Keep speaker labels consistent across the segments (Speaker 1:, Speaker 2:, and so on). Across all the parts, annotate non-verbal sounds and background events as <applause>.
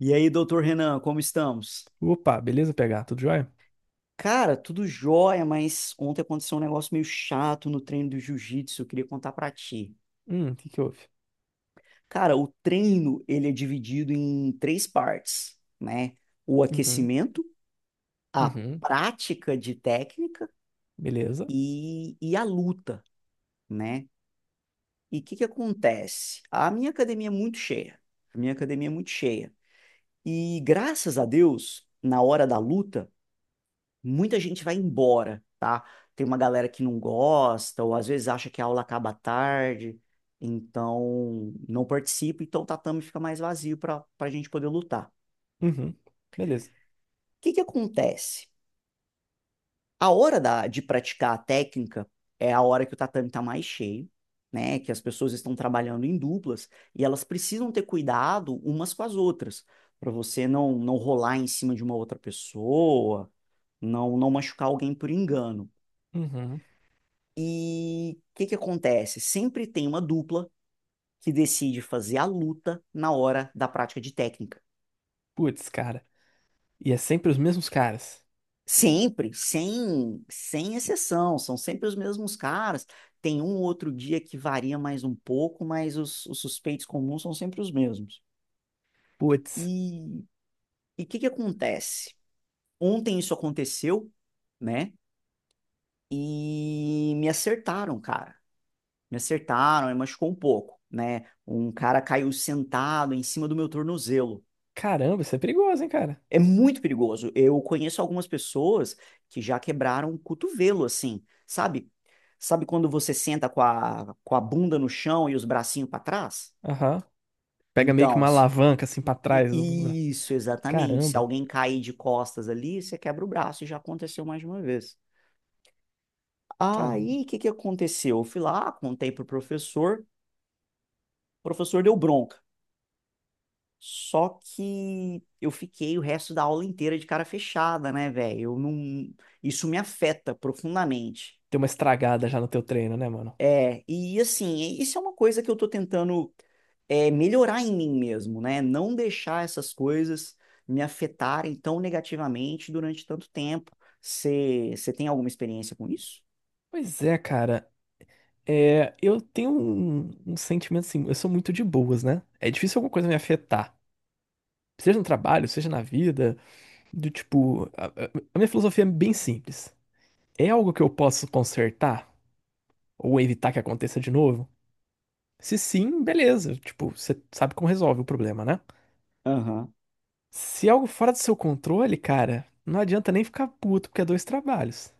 Speaker 1: E aí, doutor Renan, como estamos?
Speaker 2: Opa, beleza, PH? Tudo jóia?
Speaker 1: Cara, tudo jóia, mas ontem aconteceu um negócio meio chato no treino do jiu-jitsu, eu queria contar pra ti.
Speaker 2: O que que houve?
Speaker 1: Cara, o treino, ele é dividido em três partes, né? O
Speaker 2: Uhum,
Speaker 1: aquecimento, a
Speaker 2: uhum,
Speaker 1: prática de técnica
Speaker 2: beleza.
Speaker 1: e a luta, né? E o que que acontece? A minha academia é muito cheia. A minha academia é muito cheia. E graças a Deus, na hora da luta, muita gente vai embora, tá? Tem uma galera que não gosta, ou às vezes acha que a aula acaba tarde, então não participa, então o tatame fica mais vazio para a gente poder lutar. O
Speaker 2: Uhum, beleza.
Speaker 1: que que acontece? A hora da, de praticar a técnica é a hora que o tatame está mais cheio, né? Que as pessoas estão trabalhando em duplas e elas precisam ter cuidado umas com as outras, para você não rolar em cima de uma outra pessoa, não machucar alguém por engano.
Speaker 2: Uhum.
Speaker 1: E o que que acontece? Sempre tem uma dupla que decide fazer a luta na hora da prática de técnica.
Speaker 2: Putz, cara. E é sempre os mesmos caras.
Speaker 1: Sempre, sem exceção, são sempre os mesmos caras. Tem um outro dia que varia mais um pouco, mas os suspeitos comuns são sempre os mesmos.
Speaker 2: Putz,
Speaker 1: E o que que acontece? Ontem isso aconteceu, né? E me acertaram, cara. Me acertaram, me machucou um pouco, né? Um cara caiu sentado em cima do meu tornozelo.
Speaker 2: caramba, isso é perigoso, hein, cara?
Speaker 1: É muito perigoso. Eu conheço algumas pessoas que já quebraram o cotovelo, assim, sabe? Sabe quando você senta com a bunda no chão e os bracinhos para trás?
Speaker 2: Aham. Pega meio que
Speaker 1: Então,
Speaker 2: uma alavanca assim pra trás.
Speaker 1: i- isso, exatamente. Se
Speaker 2: Caramba,
Speaker 1: alguém cair de costas ali, você quebra o braço, e já aconteceu mais de uma vez.
Speaker 2: caramba.
Speaker 1: Aí, o que que aconteceu? Eu fui lá, contei pro professor, o professor deu bronca. Só que eu fiquei o resto da aula inteira de cara fechada, né, velho? Eu não, isso me afeta profundamente.
Speaker 2: Tem uma estragada já no teu treino, né, mano?
Speaker 1: É, e assim, isso é uma coisa que eu tô tentando melhorar em mim mesmo, né? Não deixar essas coisas me afetarem tão negativamente durante tanto tempo. Você tem alguma experiência com isso?
Speaker 2: Pois é, cara. É, eu tenho um sentimento assim, eu sou muito de boas, né? É difícil alguma coisa me afetar. Seja no trabalho, seja na vida, do tipo. A minha filosofia é bem simples. É algo que eu posso consertar ou evitar que aconteça de novo? Se sim, beleza. Tipo, você sabe como resolve o problema, né?
Speaker 1: Aham. <laughs>
Speaker 2: Se é algo fora do seu controle, cara, não adianta nem ficar puto, porque é dois trabalhos.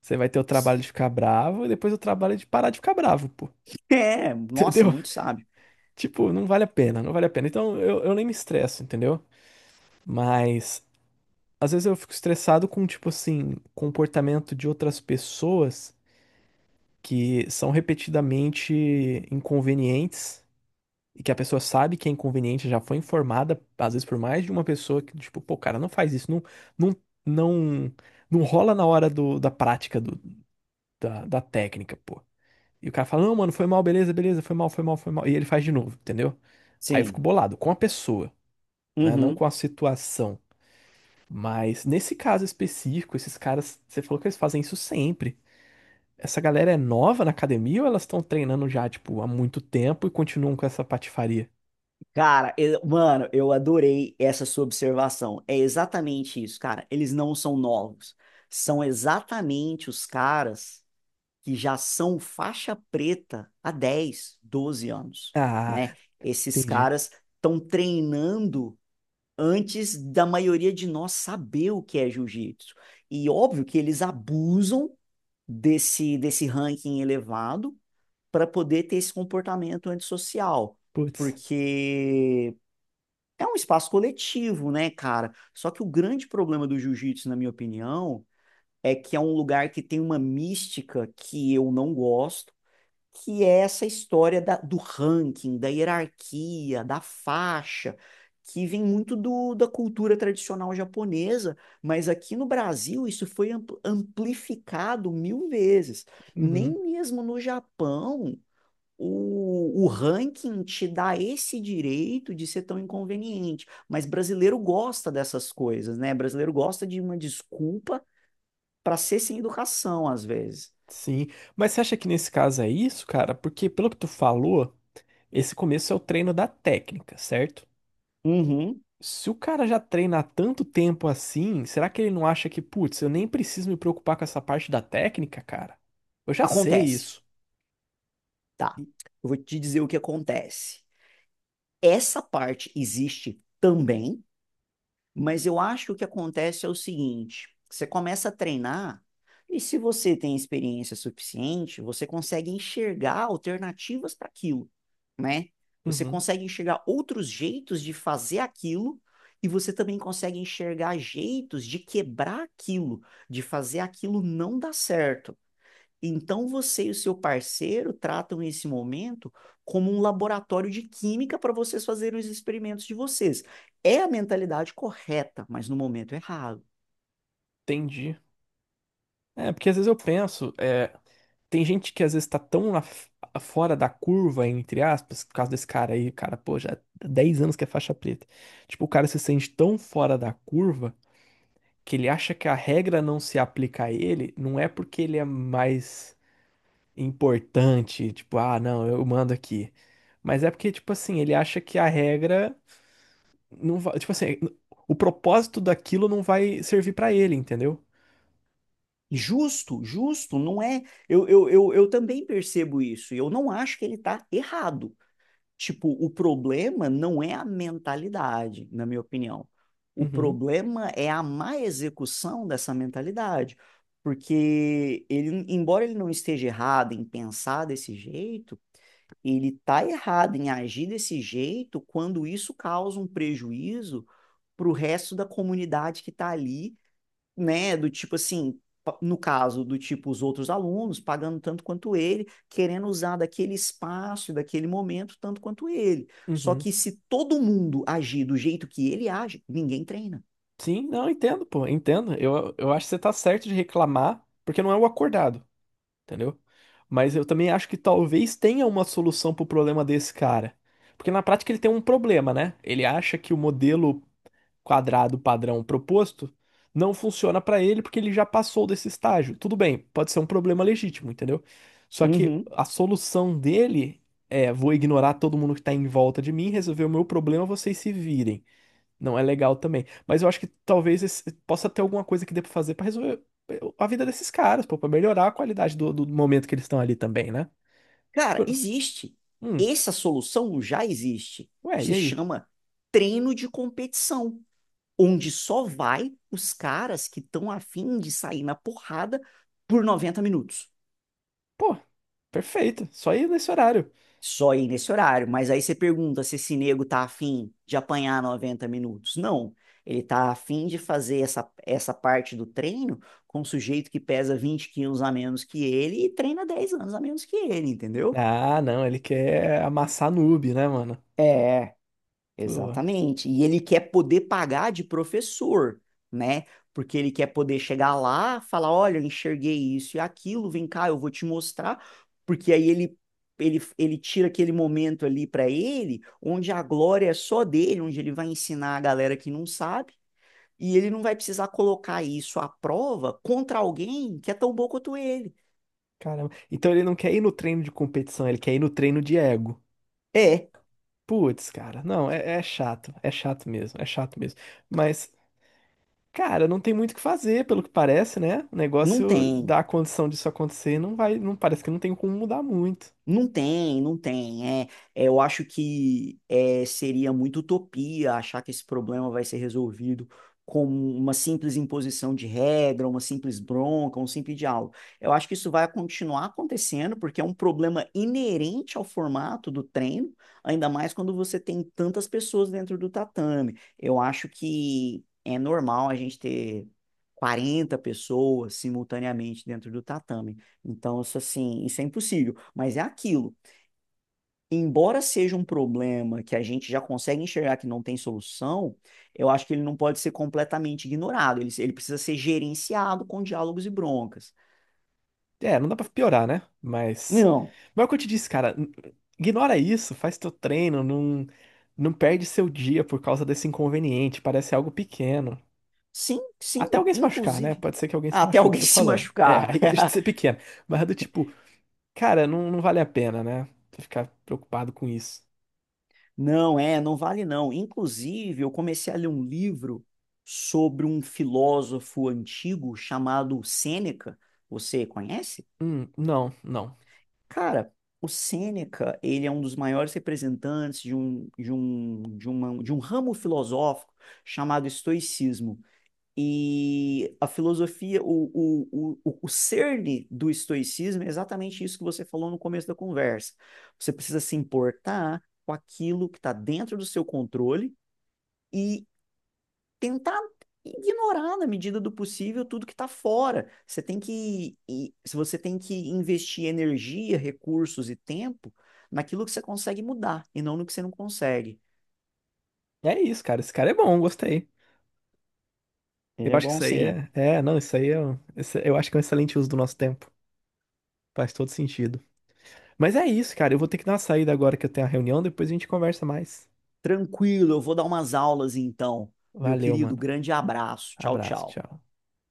Speaker 2: Você vai ter o trabalho de ficar bravo e depois o trabalho de parar de ficar bravo, pô.
Speaker 1: É,
Speaker 2: <laughs>
Speaker 1: nossa,
Speaker 2: Entendeu?
Speaker 1: muito sábio.
Speaker 2: Tipo, não vale a pena, não vale a pena. Então eu nem me estresso, entendeu? Mas às vezes eu fico estressado com, tipo assim, comportamento de outras pessoas que são repetidamente inconvenientes e que a pessoa sabe que é inconveniente, já foi informada, às vezes por mais de uma pessoa que, tipo, pô, cara, não faz isso, não, não, não, não rola na hora do, da prática do, da técnica, pô. E o cara fala, não, mano, foi mal, beleza, beleza, foi mal, foi mal, foi mal. E ele faz de novo, entendeu? Aí eu fico
Speaker 1: Sim.
Speaker 2: bolado com a pessoa, né? Não
Speaker 1: Uhum.
Speaker 2: com a situação. Mas nesse caso específico, esses caras, você falou que eles fazem isso sempre. Essa galera é nova na academia ou elas estão treinando já, tipo, há muito tempo e continuam com essa patifaria?
Speaker 1: Cara, mano, eu adorei essa sua observação. É exatamente isso, cara. Eles não são novos. São exatamente os caras que já são faixa preta há 10, 12 anos,
Speaker 2: Ah,
Speaker 1: né? Esses
Speaker 2: entendi.
Speaker 1: caras estão treinando antes da maioria de nós saber o que é jiu-jitsu. E óbvio que eles abusam desse ranking elevado para poder ter esse comportamento antissocial,
Speaker 2: Putz.
Speaker 1: porque é um espaço coletivo, né, cara? Só que o grande problema do jiu-jitsu, na minha opinião, é que é um lugar que tem uma mística que eu não gosto que é essa história do ranking, da hierarquia, da faixa, que vem muito da cultura tradicional japonesa, mas aqui no Brasil isso foi amplificado 1.000 vezes.
Speaker 2: Uhum,
Speaker 1: Nem mesmo no Japão o ranking te dá esse direito de ser tão inconveniente, mas brasileiro gosta dessas coisas, né? Brasileiro gosta de uma desculpa para ser sem educação às vezes.
Speaker 2: sim. Mas você acha que nesse caso é isso, cara? Porque pelo que tu falou, esse começo é o treino da técnica, certo?
Speaker 1: Uhum.
Speaker 2: Se o cara já treina há tanto tempo assim, será que ele não acha que, putz, eu nem preciso me preocupar com essa parte da técnica, cara? Eu já sei
Speaker 1: Acontece.
Speaker 2: isso.
Speaker 1: Tá, eu vou te dizer o que acontece. Essa parte existe também, mas eu acho que o que acontece é o seguinte: você começa a treinar, e se você tem experiência suficiente, você consegue enxergar alternativas para aquilo, né? Você
Speaker 2: Uhum,
Speaker 1: consegue enxergar outros jeitos de fazer aquilo, e você também consegue enxergar jeitos de quebrar aquilo, de fazer aquilo não dar certo. Então você e o seu parceiro tratam esse momento como um laboratório de química para vocês fazerem os experimentos de vocês. É a mentalidade correta, mas no momento errado.
Speaker 2: entendi. É, porque às vezes eu penso, é, tem gente que às vezes tá tão fora da curva, entre aspas, por causa desse cara aí, cara, pô, já há 10 anos que é faixa preta. Tipo, o cara se sente tão fora da curva, que ele acha que a regra não se aplica a ele, não é porque ele é mais importante, tipo, ah, não, eu mando aqui. Mas é porque, tipo assim, ele acha que a regra não vai, tipo assim, o propósito daquilo não vai servir pra ele, entendeu?
Speaker 1: Justo, justo, não é. Eu também percebo isso, e eu não acho que ele está errado. Tipo, o problema não é a mentalidade, na minha opinião. O
Speaker 2: Uhum,
Speaker 1: problema é a má execução dessa mentalidade. Porque ele, embora ele não esteja errado em pensar desse jeito, ele está errado em agir desse jeito quando isso causa um prejuízo para o resto da comunidade que está ali né, do tipo assim, no caso do tipo os outros alunos, pagando tanto quanto ele, querendo usar daquele espaço, daquele momento, tanto quanto ele. Só
Speaker 2: uhum.
Speaker 1: que se todo mundo agir do jeito que ele age, ninguém treina.
Speaker 2: Sim, não, entendo, pô, entendo. Eu acho que você tá certo de reclamar, porque não é o acordado. Entendeu? Mas eu também acho que talvez tenha uma solução pro problema desse cara. Porque na prática ele tem um problema, né? Ele acha que o modelo quadrado padrão proposto não funciona pra ele porque ele já passou desse estágio. Tudo bem, pode ser um problema legítimo, entendeu? Só que
Speaker 1: Uhum.
Speaker 2: a solução dele é: vou ignorar todo mundo que tá em volta de mim, resolver o meu problema, vocês se virem. Não é legal também. Mas eu acho que talvez possa ter alguma coisa que dê pra fazer pra resolver a vida desses caras, pô, pra melhorar a qualidade do, momento que eles estão ali também, né? Tipo,
Speaker 1: Cara, existe.
Speaker 2: hum,
Speaker 1: Essa solução já existe.
Speaker 2: ué, e
Speaker 1: Se
Speaker 2: aí?
Speaker 1: chama treino de competição, onde só vai os caras que estão afim de sair na porrada por 90 minutos.
Speaker 2: Pô, perfeito, só ir nesse horário.
Speaker 1: Só ir nesse horário. Mas aí você pergunta se esse nego tá afim de apanhar 90 minutos. Não. Ele tá afim de fazer essa parte do treino com um sujeito que pesa 20 quilos a menos que ele e treina 10 anos a menos que ele, entendeu?
Speaker 2: Ah, não, ele quer amassar noob, né, mano?
Speaker 1: É,
Speaker 2: Pô,
Speaker 1: exatamente. E ele quer poder pagar de professor, né? Porque ele quer poder chegar lá, falar, olha, eu enxerguei isso e aquilo, vem cá, eu vou te mostrar, porque aí ele tira aquele momento ali para ele, onde a glória é só dele, onde ele vai ensinar a galera que não sabe, e ele não vai precisar colocar isso à prova contra alguém que é tão bom quanto ele.
Speaker 2: caramba. Então ele não quer ir no treino de competição, ele quer ir no treino de ego.
Speaker 1: É,
Speaker 2: Putz, cara, não, é chato, é chato mesmo, é chato mesmo. Mas. Cara, não tem muito o que fazer, pelo que parece, né? O
Speaker 1: não
Speaker 2: negócio
Speaker 1: tem.
Speaker 2: da condição disso acontecer não vai, não parece que não tem como mudar muito.
Speaker 1: Não tem, não tem. É, eu acho que seria muito utopia achar que esse problema vai ser resolvido com uma simples imposição de regra, uma simples bronca, um simples diálogo. Eu acho que isso vai continuar acontecendo, porque é um problema inerente ao formato do treino, ainda mais quando você tem tantas pessoas dentro do tatame. Eu acho que é normal a gente ter 40 pessoas simultaneamente dentro do tatame. Então, isso assim, isso é impossível. Mas é aquilo. Embora seja um problema que a gente já consegue enxergar que não tem solução, eu acho que ele não pode ser completamente ignorado. Ele precisa ser gerenciado com diálogos e broncas.
Speaker 2: É, não dá pra piorar, né? Mas,
Speaker 1: Não.
Speaker 2: mas é o que eu te disse, cara, ignora isso, faz teu treino, não perde seu dia por causa desse inconveniente, parece algo pequeno.
Speaker 1: Sim, sim,
Speaker 2: Até alguém se machucar, né?
Speaker 1: inclusive.
Speaker 2: Pode ser que alguém se
Speaker 1: Até
Speaker 2: machuque,
Speaker 1: alguém <laughs>
Speaker 2: tô
Speaker 1: se
Speaker 2: falando. É, <laughs>
Speaker 1: machucar.
Speaker 2: aí deixa de ser
Speaker 1: <laughs>
Speaker 2: pequeno. Mas é do tipo, cara, não, não vale a pena, né? Ficar preocupado com isso.
Speaker 1: Não, não vale não. Inclusive, eu comecei a ler um livro sobre um filósofo antigo chamado Sêneca. Você conhece?
Speaker 2: Não, não.
Speaker 1: Cara, o Sêneca, ele é um dos maiores representantes de um ramo filosófico chamado estoicismo. E a filosofia, o cerne do estoicismo é exatamente isso que você falou no começo da conversa. Você precisa se importar com aquilo que está dentro do seu controle e tentar ignorar na medida do possível tudo que está fora. Você tem que, se você tem que investir energia, recursos e tempo naquilo que você consegue mudar e não no que você não consegue.
Speaker 2: É isso, cara. Esse cara é bom, gostei.
Speaker 1: Ele
Speaker 2: Eu
Speaker 1: é
Speaker 2: acho que
Speaker 1: bom
Speaker 2: isso aí
Speaker 1: sim.
Speaker 2: é. É, não, isso aí é. Eu acho que é um excelente uso do nosso tempo. Faz todo sentido. Mas é isso, cara. Eu vou ter que dar uma saída agora que eu tenho a reunião. Depois a gente conversa mais.
Speaker 1: Tranquilo, eu vou dar umas aulas então. Meu
Speaker 2: Valeu,
Speaker 1: querido,
Speaker 2: mano.
Speaker 1: grande abraço. Tchau,
Speaker 2: Abraço,
Speaker 1: tchau.
Speaker 2: tchau.